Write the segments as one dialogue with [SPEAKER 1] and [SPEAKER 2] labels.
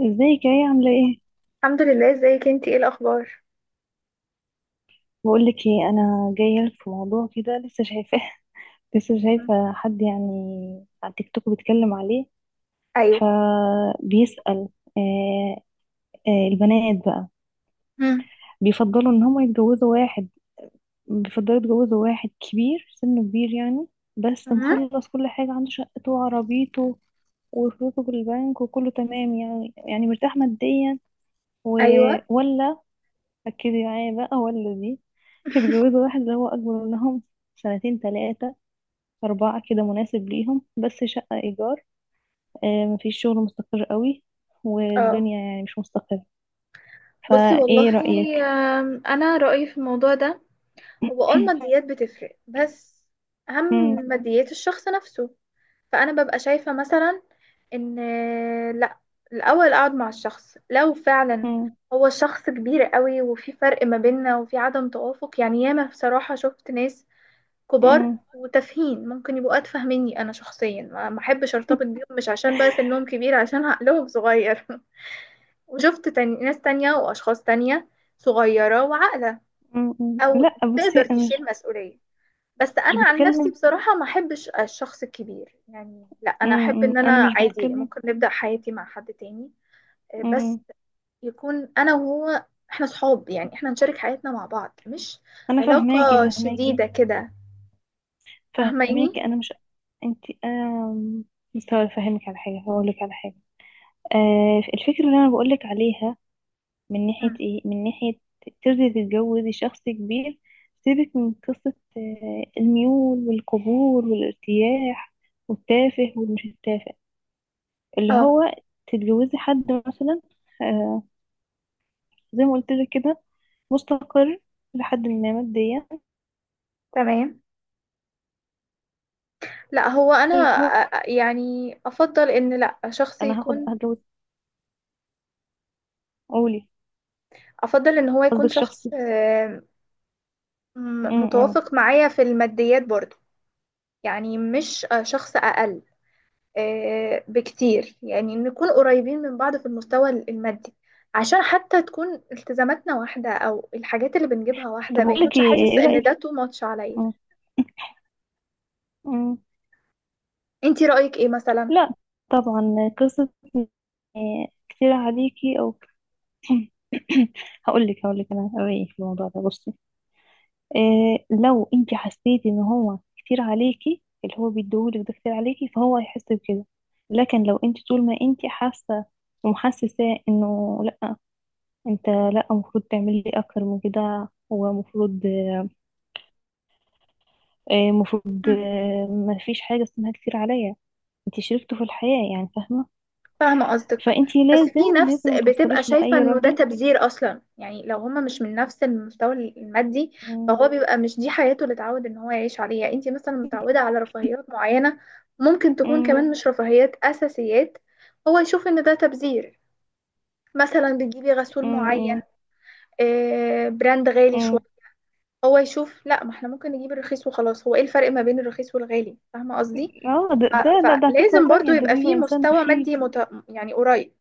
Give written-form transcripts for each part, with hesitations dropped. [SPEAKER 1] ازيك؟ يا ايه، عامله ايه؟
[SPEAKER 2] الحمد لله، ازيك انتي؟ ايه الاخبار؟
[SPEAKER 1] بقول لك ايه، انا جايه لك في موضوع كده لسه شايفاه. لسه شايفه حد يعني، على تيك توك بيتكلم عليه،
[SPEAKER 2] ايوه.
[SPEAKER 1] فبيسأل. آه البنات بقى
[SPEAKER 2] مم.
[SPEAKER 1] بيفضلوا ان هم يتجوزوا واحد، بيفضلوا يتجوزوا واحد كبير سنه، كبير يعني، بس
[SPEAKER 2] مم.
[SPEAKER 1] مخلص كل حاجه، عنده شقته وعربيته وفلوسه في البنك وكله تمام يعني مرتاح ماديا، و...
[SPEAKER 2] ايوه.
[SPEAKER 1] ولا، ركزي معايا بقى، هو الذي يتجوزوا واحد اللي هو أكبر منهم سنتين، تلاتة، أربعة، كده مناسب ليهم، بس شقة إيجار، مفيش شغل مستقر قوي،
[SPEAKER 2] اه.
[SPEAKER 1] والدنيا يعني مش مستقرة.
[SPEAKER 2] بصي،
[SPEAKER 1] فإيه
[SPEAKER 2] والله،
[SPEAKER 1] رأيك؟
[SPEAKER 2] انا رايي في الموضوع ده. هو الماديات بتفرق، بس اهم
[SPEAKER 1] مم،
[SPEAKER 2] من ماديات الشخص نفسه. فانا ببقى شايفه، مثلا، ان لا، الاول اقعد مع الشخص، لو فعلا
[SPEAKER 1] مم،
[SPEAKER 2] هو شخص كبير قوي وفي فرق ما بيننا وفي عدم توافق. يعني ياما بصراحه شفت ناس كبار
[SPEAKER 1] مم،
[SPEAKER 2] وتافهين، ممكن يبقوا أتفه مني. أنا شخصيا ما أحبش أرتبط بيهم، مش عشان بقى سنهم كبير، عشان عقلهم صغير. وشفت تاني ناس تانية وأشخاص تانية صغيرة وعاقلة،
[SPEAKER 1] مم، مم.
[SPEAKER 2] أو
[SPEAKER 1] لأ، بصي
[SPEAKER 2] تقدر
[SPEAKER 1] أنا
[SPEAKER 2] تشيل
[SPEAKER 1] مش،
[SPEAKER 2] مسؤولية. بس
[SPEAKER 1] مش
[SPEAKER 2] أنا عن نفسي،
[SPEAKER 1] بتكلم.
[SPEAKER 2] بصراحة، ما أحبش الشخص الكبير، يعني لا، أنا
[SPEAKER 1] مم،
[SPEAKER 2] أحب
[SPEAKER 1] مم.
[SPEAKER 2] إن
[SPEAKER 1] أنا
[SPEAKER 2] أنا
[SPEAKER 1] مش
[SPEAKER 2] عادي،
[SPEAKER 1] بتكلم.
[SPEAKER 2] ممكن نبدأ حياتي مع حد تاني، بس
[SPEAKER 1] مم.
[SPEAKER 2] يكون أنا وهو إحنا صحاب، يعني إحنا نشارك حياتنا مع بعض، مش
[SPEAKER 1] أنا فهماكي،
[SPEAKER 2] علاقة
[SPEAKER 1] فهماكي،
[SPEAKER 2] شديدة كده. فاهماني؟
[SPEAKER 1] فهماكي. أنا مش، أنتي أنا مستوى أفهمك على حاجة، هقولك على حاجة. الفكرة اللي أنا بقولك عليها من ناحية
[SPEAKER 2] مم.
[SPEAKER 1] ايه، من ناحية ترضي تتجوزي شخص كبير، سيبك من قصة الميول والقبول والارتياح، والتافه والمش التافه، اللي
[SPEAKER 2] اه،
[SPEAKER 1] هو تتجوزي حد مثلا، آه، زي ما قلت لك كده، مستقر لحد ما ماديا،
[SPEAKER 2] تمام. لا، هو انا
[SPEAKER 1] اللي هو
[SPEAKER 2] يعني افضل ان، لا، شخص
[SPEAKER 1] انا هاخد،
[SPEAKER 2] يكون،
[SPEAKER 1] هتجوز، قولي،
[SPEAKER 2] افضل ان هو يكون
[SPEAKER 1] قصدك
[SPEAKER 2] شخص،
[SPEAKER 1] شخصي. م -م.
[SPEAKER 2] متوافق معايا في الماديات برضو. يعني مش شخص اقل بكتير، يعني نكون قريبين من بعض في المستوى المادي، عشان حتى تكون التزاماتنا واحدة او الحاجات اللي بنجيبها واحدة،
[SPEAKER 1] طب
[SPEAKER 2] ما
[SPEAKER 1] اقول لك
[SPEAKER 2] يكونش
[SPEAKER 1] ايه،
[SPEAKER 2] حاسس
[SPEAKER 1] إيه
[SPEAKER 2] ان
[SPEAKER 1] رأيك؟
[SPEAKER 2] ده تو ماتش عليا.
[SPEAKER 1] م -م.
[SPEAKER 2] انتي رأيك ايه مثلا؟
[SPEAKER 1] لا طبعا، قصة كتير عليكي، او هقول لك، هقول لك انا رايي في الموضوع ده، بصي. إيه لو انت حسيتي ان هو كتير عليكي، اللي هو بيديهولك ده كتير عليكي، فهو هيحس بكده. لكن لو انت طول ما انت حاسه ومحسسه انه لا، انت لا، المفروض تعملي اكتر من كده، ومفروض إيه، المفروض ما فيش حاجه اسمها كتير عليا، انت شريكته في الحياه يعني، فاهمه؟
[SPEAKER 2] فاهمة قصدك.
[SPEAKER 1] فانت
[SPEAKER 2] بس
[SPEAKER 1] لازم،
[SPEAKER 2] في نفس،
[SPEAKER 1] لازم ما
[SPEAKER 2] بتبقى
[SPEAKER 1] توصليش
[SPEAKER 2] شايفة
[SPEAKER 1] لاي
[SPEAKER 2] انه ده
[SPEAKER 1] راجل.
[SPEAKER 2] تبذير اصلا، يعني لو هما مش من نفس المستوى المادي
[SPEAKER 1] مم،
[SPEAKER 2] فهو بيبقى، مش دي حياته اللي اتعود ان هو يعيش عليها. يعني انتي مثلا متعودة على رفاهيات معينة، ممكن تكون
[SPEAKER 1] مم،
[SPEAKER 2] كمان مش رفاهيات، اساسيات، هو يشوف ان ده تبذير. مثلا بتجيبي غسول
[SPEAKER 1] مم،
[SPEAKER 2] معين،
[SPEAKER 1] مم،
[SPEAKER 2] براند غالي شوية،
[SPEAKER 1] مم.
[SPEAKER 2] هو يشوف لا، ما احنا ممكن نجيب الرخيص وخلاص، هو ايه الفرق ما بين الرخيص والغالي؟ فاهمة قصدي؟
[SPEAKER 1] اه، ده ده
[SPEAKER 2] ف-
[SPEAKER 1] ده, ده قصة
[SPEAKER 2] فلازم برضو
[SPEAKER 1] تانية، ده
[SPEAKER 2] يبقى في
[SPEAKER 1] بيبقى إنسان
[SPEAKER 2] مستوى
[SPEAKER 1] بخيل.
[SPEAKER 2] مادي يعني قريب.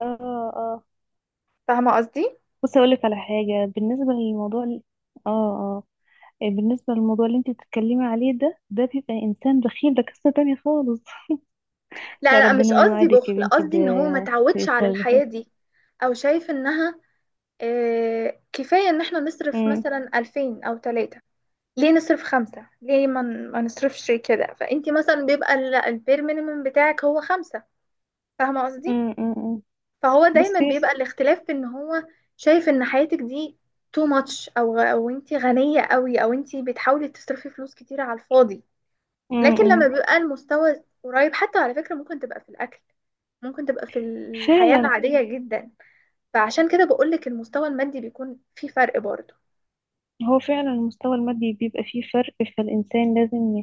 [SPEAKER 1] اه اه،
[SPEAKER 2] فاهمة قصدي؟
[SPEAKER 1] بصي أقول لك على حاجة، بالنسبة للموضوع اه اه، إيه، بالنسبة للموضوع اللي انت بتتكلمي عليه ده، ده بيبقى إنسان بخيل، ده قصة تانية خالص.
[SPEAKER 2] لا
[SPEAKER 1] لا،
[SPEAKER 2] لا، مش
[SPEAKER 1] ربنا ما
[SPEAKER 2] قصدي
[SPEAKER 1] يوعدك يا
[SPEAKER 2] بخل،
[SPEAKER 1] بنتي
[SPEAKER 2] قصدي ان هو ما تعودش على
[SPEAKER 1] بإنسان بخيل.
[SPEAKER 2] الحياة دي، او شايف انها كفاية ان احنا نصرف
[SPEAKER 1] أمم،
[SPEAKER 2] مثلا الفين او تلاتة، ليه نصرف خمسة، ليه ما نصرفش كده. فانتي مثلا بيبقى البير مينيمم بتاعك هو خمسة. فاهمة قصدي؟
[SPEAKER 1] أمم، أمم، أمم.
[SPEAKER 2] فهو دايما
[SPEAKER 1] بصي،
[SPEAKER 2] بيبقى الاختلاف في ان هو شايف ان حياتك دي تو ماتش، او انتي غنية قوي، او انتي بتحاولي تصرفي فلوس كتير على الفاضي.
[SPEAKER 1] أمم،
[SPEAKER 2] لكن لما
[SPEAKER 1] أمم.
[SPEAKER 2] بيبقى المستوى قريب، حتى على فكرة ممكن تبقى في الاكل، ممكن تبقى في الحياة
[SPEAKER 1] فعلا،
[SPEAKER 2] العادية جدا. فعشان كده بقولك المستوى المادي بيكون في فرق برضه.
[SPEAKER 1] هو فعلا المستوى المادي بيبقى فيه فرق، فالإنسان لازم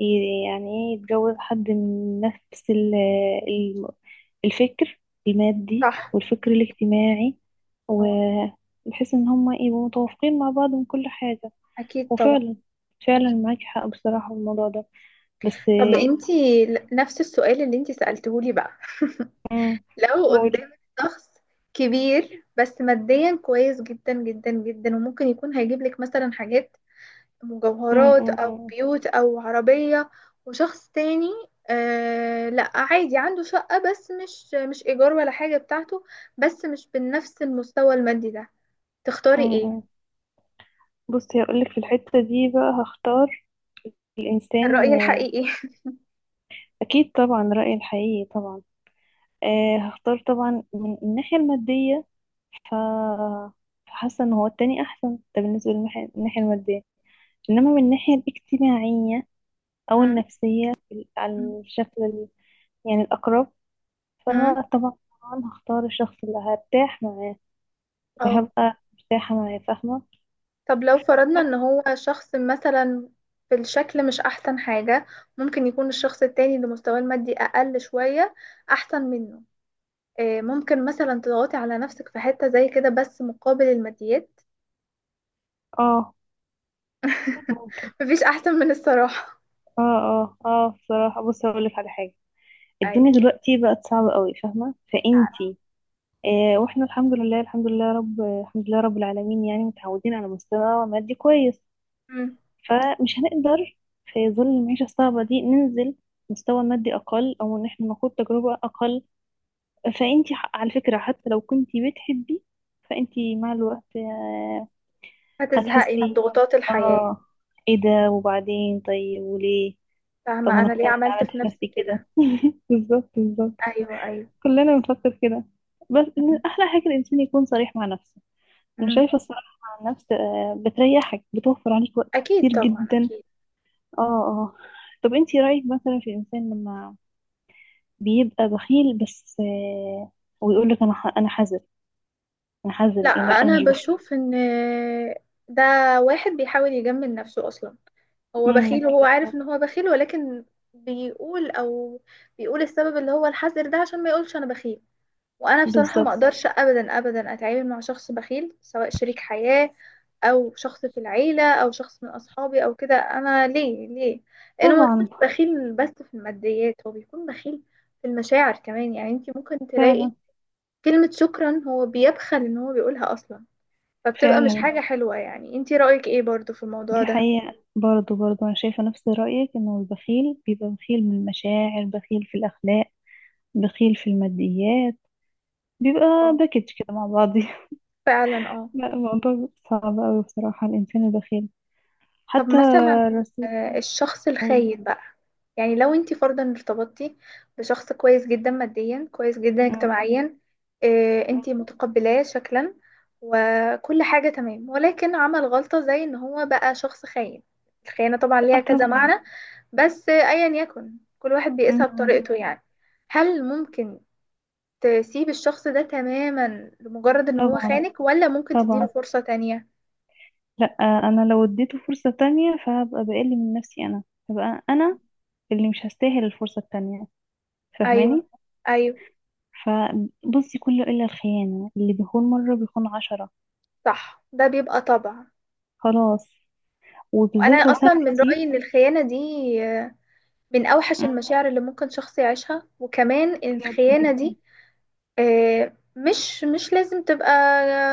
[SPEAKER 1] يعني ايه، يتجوز حد من نفس ال- الفكر المادي
[SPEAKER 2] صح.
[SPEAKER 1] والفكر الاجتماعي،
[SPEAKER 2] اه.
[SPEAKER 1] وبحيث ان هما يبقوا متوافقين مع بعض من كل حاجة.
[SPEAKER 2] أكيد طبعا،
[SPEAKER 1] وفعلا، فعلا
[SPEAKER 2] أكيد.
[SPEAKER 1] معاكي حق بصراحة في الموضوع ده، بس.
[SPEAKER 2] طب انتي نفس السؤال اللي انتي سألتهولي بقى.
[SPEAKER 1] امم،
[SPEAKER 2] لو
[SPEAKER 1] قولي.
[SPEAKER 2] قدامك شخص كبير، بس ماديا كويس جدا جدا جدا، وممكن يكون هيجيب لك مثلا حاجات،
[SPEAKER 1] امم،
[SPEAKER 2] مجوهرات أو
[SPEAKER 1] امم،
[SPEAKER 2] بيوت أو عربية. وشخص تاني، آه، لا، عادي، عنده شقة بس، مش إيجار ولا حاجة، بتاعته، بس مش بنفس المستوى المادي ده. تختاري ايه؟
[SPEAKER 1] امم، بصي هقولك في الحتة دي بقى هختار الإنسان
[SPEAKER 2] الرأي الحقيقي.
[SPEAKER 1] أكيد طبعا، رأيي الحقيقي طبعا، آه هختار طبعا من الناحية المادية. ف فحاسة ان هو التاني احسن، ده بالنسبة للناحية، المادية انما من الناحية الاجتماعية او
[SPEAKER 2] مم.
[SPEAKER 1] النفسية
[SPEAKER 2] مم.
[SPEAKER 1] على الشكل يعني الاقرب،
[SPEAKER 2] مم.
[SPEAKER 1] فطبعا هختار الشخص اللي هرتاح معاه،
[SPEAKER 2] اه.
[SPEAKER 1] هبقى مرتاحة معاه، فاهمة؟
[SPEAKER 2] طب لو فرضنا ان هو شخص مثلا في الشكل مش احسن حاجة، ممكن يكون الشخص التاني اللي مستواه المادي اقل شوية احسن منه. ممكن مثلا تضغطي على نفسك في حتة زي كده، بس مقابل الماديات.
[SPEAKER 1] اه ممكن.
[SPEAKER 2] مفيش أحسن من الصراحة.
[SPEAKER 1] اه بصراحة، بص هقولك على حاجة.
[SPEAKER 2] اي.
[SPEAKER 1] الدنيا دلوقتي بقت صعبة قوي، فاهمة؟ فانتي واحنا الحمد لله، الحمد لله يا رب، الحمد لله رب العالمين، يعني متعودين على مستوى مادي كويس،
[SPEAKER 2] مم.
[SPEAKER 1] فمش هنقدر في ظل المعيشة الصعبة دي ننزل مستوى مادي أقل، أو إن احنا نخوض تجربة أقل. فأنتي على فكرة حتى لو كنتي بتحبي، فأنتي مع الوقت
[SPEAKER 2] هتزهقي من
[SPEAKER 1] هتحسي،
[SPEAKER 2] ضغوطات الحياة.
[SPEAKER 1] آه، إيه ده، وبعدين طيب وليه؟ طب ما
[SPEAKER 2] فاهمة أنا
[SPEAKER 1] أنا،
[SPEAKER 2] ليه
[SPEAKER 1] أنا اللي
[SPEAKER 2] عملت
[SPEAKER 1] عملت
[SPEAKER 2] في
[SPEAKER 1] في
[SPEAKER 2] نفسي
[SPEAKER 1] نفسي
[SPEAKER 2] كده.
[SPEAKER 1] كده بالظبط، بالظبط.
[SPEAKER 2] ايوه، ايوه.
[SPEAKER 1] كلنا بنفكر كده، بس إن
[SPEAKER 2] مم.
[SPEAKER 1] أحلى حاجة الإنسان يكون صريح مع نفسه. انا
[SPEAKER 2] مم.
[SPEAKER 1] شايفه الصراحه عن نفس بتريحك، بتوفر عليك وقت
[SPEAKER 2] أكيد
[SPEAKER 1] كتير
[SPEAKER 2] طبعا،
[SPEAKER 1] جدا.
[SPEAKER 2] أكيد.
[SPEAKER 1] اه اه. طب انتي رايك مثلا في الانسان لما بيبقى بخيل، بس ويقول لك انا انا حذر، انا حذر،
[SPEAKER 2] لا،
[SPEAKER 1] لا انا
[SPEAKER 2] أنا
[SPEAKER 1] مش بخيل.
[SPEAKER 2] بشوف إن ده واحد بيحاول يجمل نفسه أصلا. هو
[SPEAKER 1] امم،
[SPEAKER 2] بخيل، وهو عارف
[SPEAKER 1] بالظبط،
[SPEAKER 2] إن هو بخيل، ولكن بيقول، أو بيقول السبب اللي هو الحذر ده عشان ما يقولش أنا بخيل. وانا بصراحه ما
[SPEAKER 1] بالظبط.
[SPEAKER 2] اقدرش ابدا ابدا اتعامل مع شخص بخيل، سواء شريك حياه او شخص في العيله او شخص من اصحابي او كده. انا ليه ليه؟ لانه ما يكونش
[SPEAKER 1] طبعا.
[SPEAKER 2] بخيل بس في الماديات، هو بيكون بخيل في المشاعر كمان. يعني انت ممكن تلاقي
[SPEAKER 1] فعلا،
[SPEAKER 2] كلمه شكرا هو بيبخل ان هو بيقولها اصلا. فبتبقى مش
[SPEAKER 1] فعلا،
[SPEAKER 2] حاجه حلوه. يعني انت رايك ايه برضو في الموضوع
[SPEAKER 1] دي
[SPEAKER 2] ده؟
[SPEAKER 1] حقيقه برضه، برضه انا شايفه نفس رايك، انه البخيل بيبقى بخيل من المشاعر، بخيل في الاخلاق، بخيل في الماديات، بيبقى
[SPEAKER 2] اه،
[SPEAKER 1] باكج كده مع بعض.
[SPEAKER 2] فعلا، اه.
[SPEAKER 1] لا، الموضوع صعب أوي بصراحة، الإنسان البخيل
[SPEAKER 2] طب
[SPEAKER 1] حتى
[SPEAKER 2] مثلا
[SPEAKER 1] رسول،
[SPEAKER 2] الشخص
[SPEAKER 1] قوله.
[SPEAKER 2] الخاين بقى، يعني لو انت فرضا ارتبطتي بشخص كويس جدا ماديا، كويس جدا
[SPEAKER 1] مم.
[SPEAKER 2] اجتماعيا، اه، انت متقبلاه شكلا، وكل حاجة تمام، ولكن عمل غلطة زي ان هو بقى شخص خاين. الخيانة طبعا
[SPEAKER 1] اه
[SPEAKER 2] ليها كذا
[SPEAKER 1] طبعا.
[SPEAKER 2] معنى، بس ايا يكن، كل واحد بيقيسها
[SPEAKER 1] مم.
[SPEAKER 2] بطريقته، يعني هل ممكن تسيب الشخص ده تماما لمجرد ان هو
[SPEAKER 1] طبعا،
[SPEAKER 2] خانك، ولا ممكن تديله
[SPEAKER 1] طبعا،
[SPEAKER 2] فرصة تانية؟
[SPEAKER 1] لا انا لو اديته فرصة تانية فهبقى بقل من نفسي انا، هبقى انا اللي مش هستاهل الفرصة التانية،
[SPEAKER 2] ايوه،
[SPEAKER 1] فاهماني؟
[SPEAKER 2] ايوه.
[SPEAKER 1] فبصي، كله الا الخيانة، اللي بيخون مرة بيخون عشرة،
[SPEAKER 2] صح، ده بيبقى طبع.
[SPEAKER 1] خلاص.
[SPEAKER 2] وانا
[SPEAKER 1] وبالذات لو
[SPEAKER 2] اصلا من رايي
[SPEAKER 1] سامحتي.
[SPEAKER 2] ان الخيانه دي آه، من اوحش
[SPEAKER 1] مم.
[SPEAKER 2] المشاعر اللي ممكن شخص يعيشها. وكمان
[SPEAKER 1] بجد
[SPEAKER 2] الخيانه
[SPEAKER 1] جدا.
[SPEAKER 2] دي مش لازم تبقى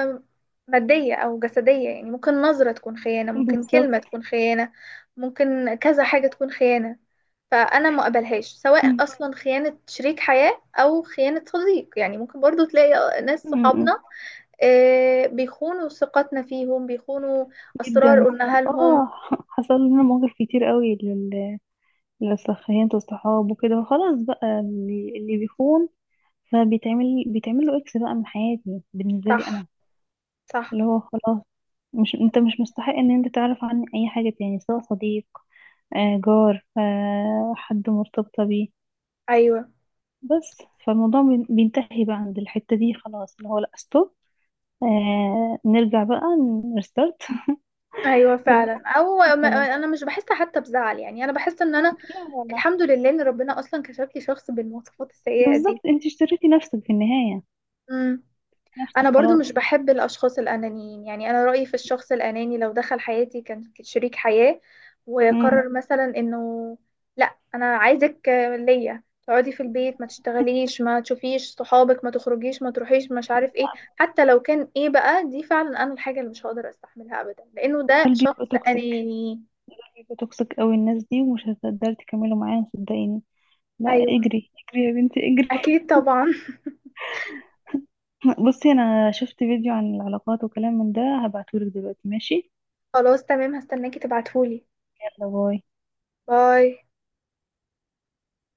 [SPEAKER 2] آه، ماديه او جسديه. يعني ممكن نظره تكون خيانه، ممكن كلمه
[SPEAKER 1] بالظبط.
[SPEAKER 2] تكون خيانه، ممكن كذا
[SPEAKER 1] صح.
[SPEAKER 2] حاجه تكون خيانه. فانا ما اقبلهاش، سواء
[SPEAKER 1] مم.
[SPEAKER 2] اصلا خيانه شريك حياه او خيانه صديق. يعني ممكن برضو تلاقي ناس
[SPEAKER 1] مم.
[SPEAKER 2] صحابنا بيخونوا ثقتنا فيهم، بيخونوا اسرار
[SPEAKER 1] جدا.
[SPEAKER 2] قلناها
[SPEAKER 1] اه
[SPEAKER 2] لهم.
[SPEAKER 1] حصل لنا مواقف كتير قوي، لو سخينت الصحاب وكده خلاص بقى، اللي بيخون فبيتعمل، له اكس بقى من حياتي بالنسبه لي
[SPEAKER 2] صح،
[SPEAKER 1] انا،
[SPEAKER 2] صح.
[SPEAKER 1] اللي هو خلاص، مش انت مش مستحق ان انت تعرف عني اي حاجه تاني، سواء صديق جار حد مرتبطه بيه،
[SPEAKER 2] ايوه،
[SPEAKER 1] بس. فالموضوع بينتهي بقى عند الحته دي خلاص، اللي هو لا ستوب، آه نرجع بقى، نرستارت.
[SPEAKER 2] ايوه،
[SPEAKER 1] يلا
[SPEAKER 2] فعلا. او ما،
[SPEAKER 1] خلاص.
[SPEAKER 2] انا مش بحس حتى بزعل. يعني انا بحس ان انا
[SPEAKER 1] لا لا لا.
[SPEAKER 2] الحمد لله ان ربنا اصلا كشف لي شخص بالمواصفات السيئه دي.
[SPEAKER 1] بالظبط، انت اشتريتي نفسك في النهايه،
[SPEAKER 2] امم.
[SPEAKER 1] نفسك
[SPEAKER 2] انا برضو
[SPEAKER 1] خلاص.
[SPEAKER 2] مش بحب الاشخاص الانانيين. يعني انا رايي في الشخص الاناني لو دخل حياتي كان شريك حياه،
[SPEAKER 1] مم.
[SPEAKER 2] وقرر مثلا انه لا، انا عايزك ليا، تقعدي في البيت، ما تشتغليش، ما تشوفيش صحابك، ما تخرجيش، ما تروحيش، مش عارف ايه، حتى لو كان ايه بقى، دي فعلا انا الحاجه اللي مش هقدر استحملها ابدا، لانه ده
[SPEAKER 1] دول
[SPEAKER 2] شخص
[SPEAKER 1] بيبقوا توكسيك،
[SPEAKER 2] اناني.
[SPEAKER 1] هيبقوا توكسيك قوي الناس دي، ومش هتقدري تكملوا معاهم، صدقيني. لا،
[SPEAKER 2] ايوه.
[SPEAKER 1] اجري اجري يا بنتي، اجري.
[SPEAKER 2] اكيد طبعا.
[SPEAKER 1] بصي انا شفت فيديو عن العلاقات وكلام من ده، هبعتهولك دلوقتي، ماشي؟
[SPEAKER 2] خلاص، تمام، هستناكي تبعتهولي.
[SPEAKER 1] يلا باي.
[SPEAKER 2] باي.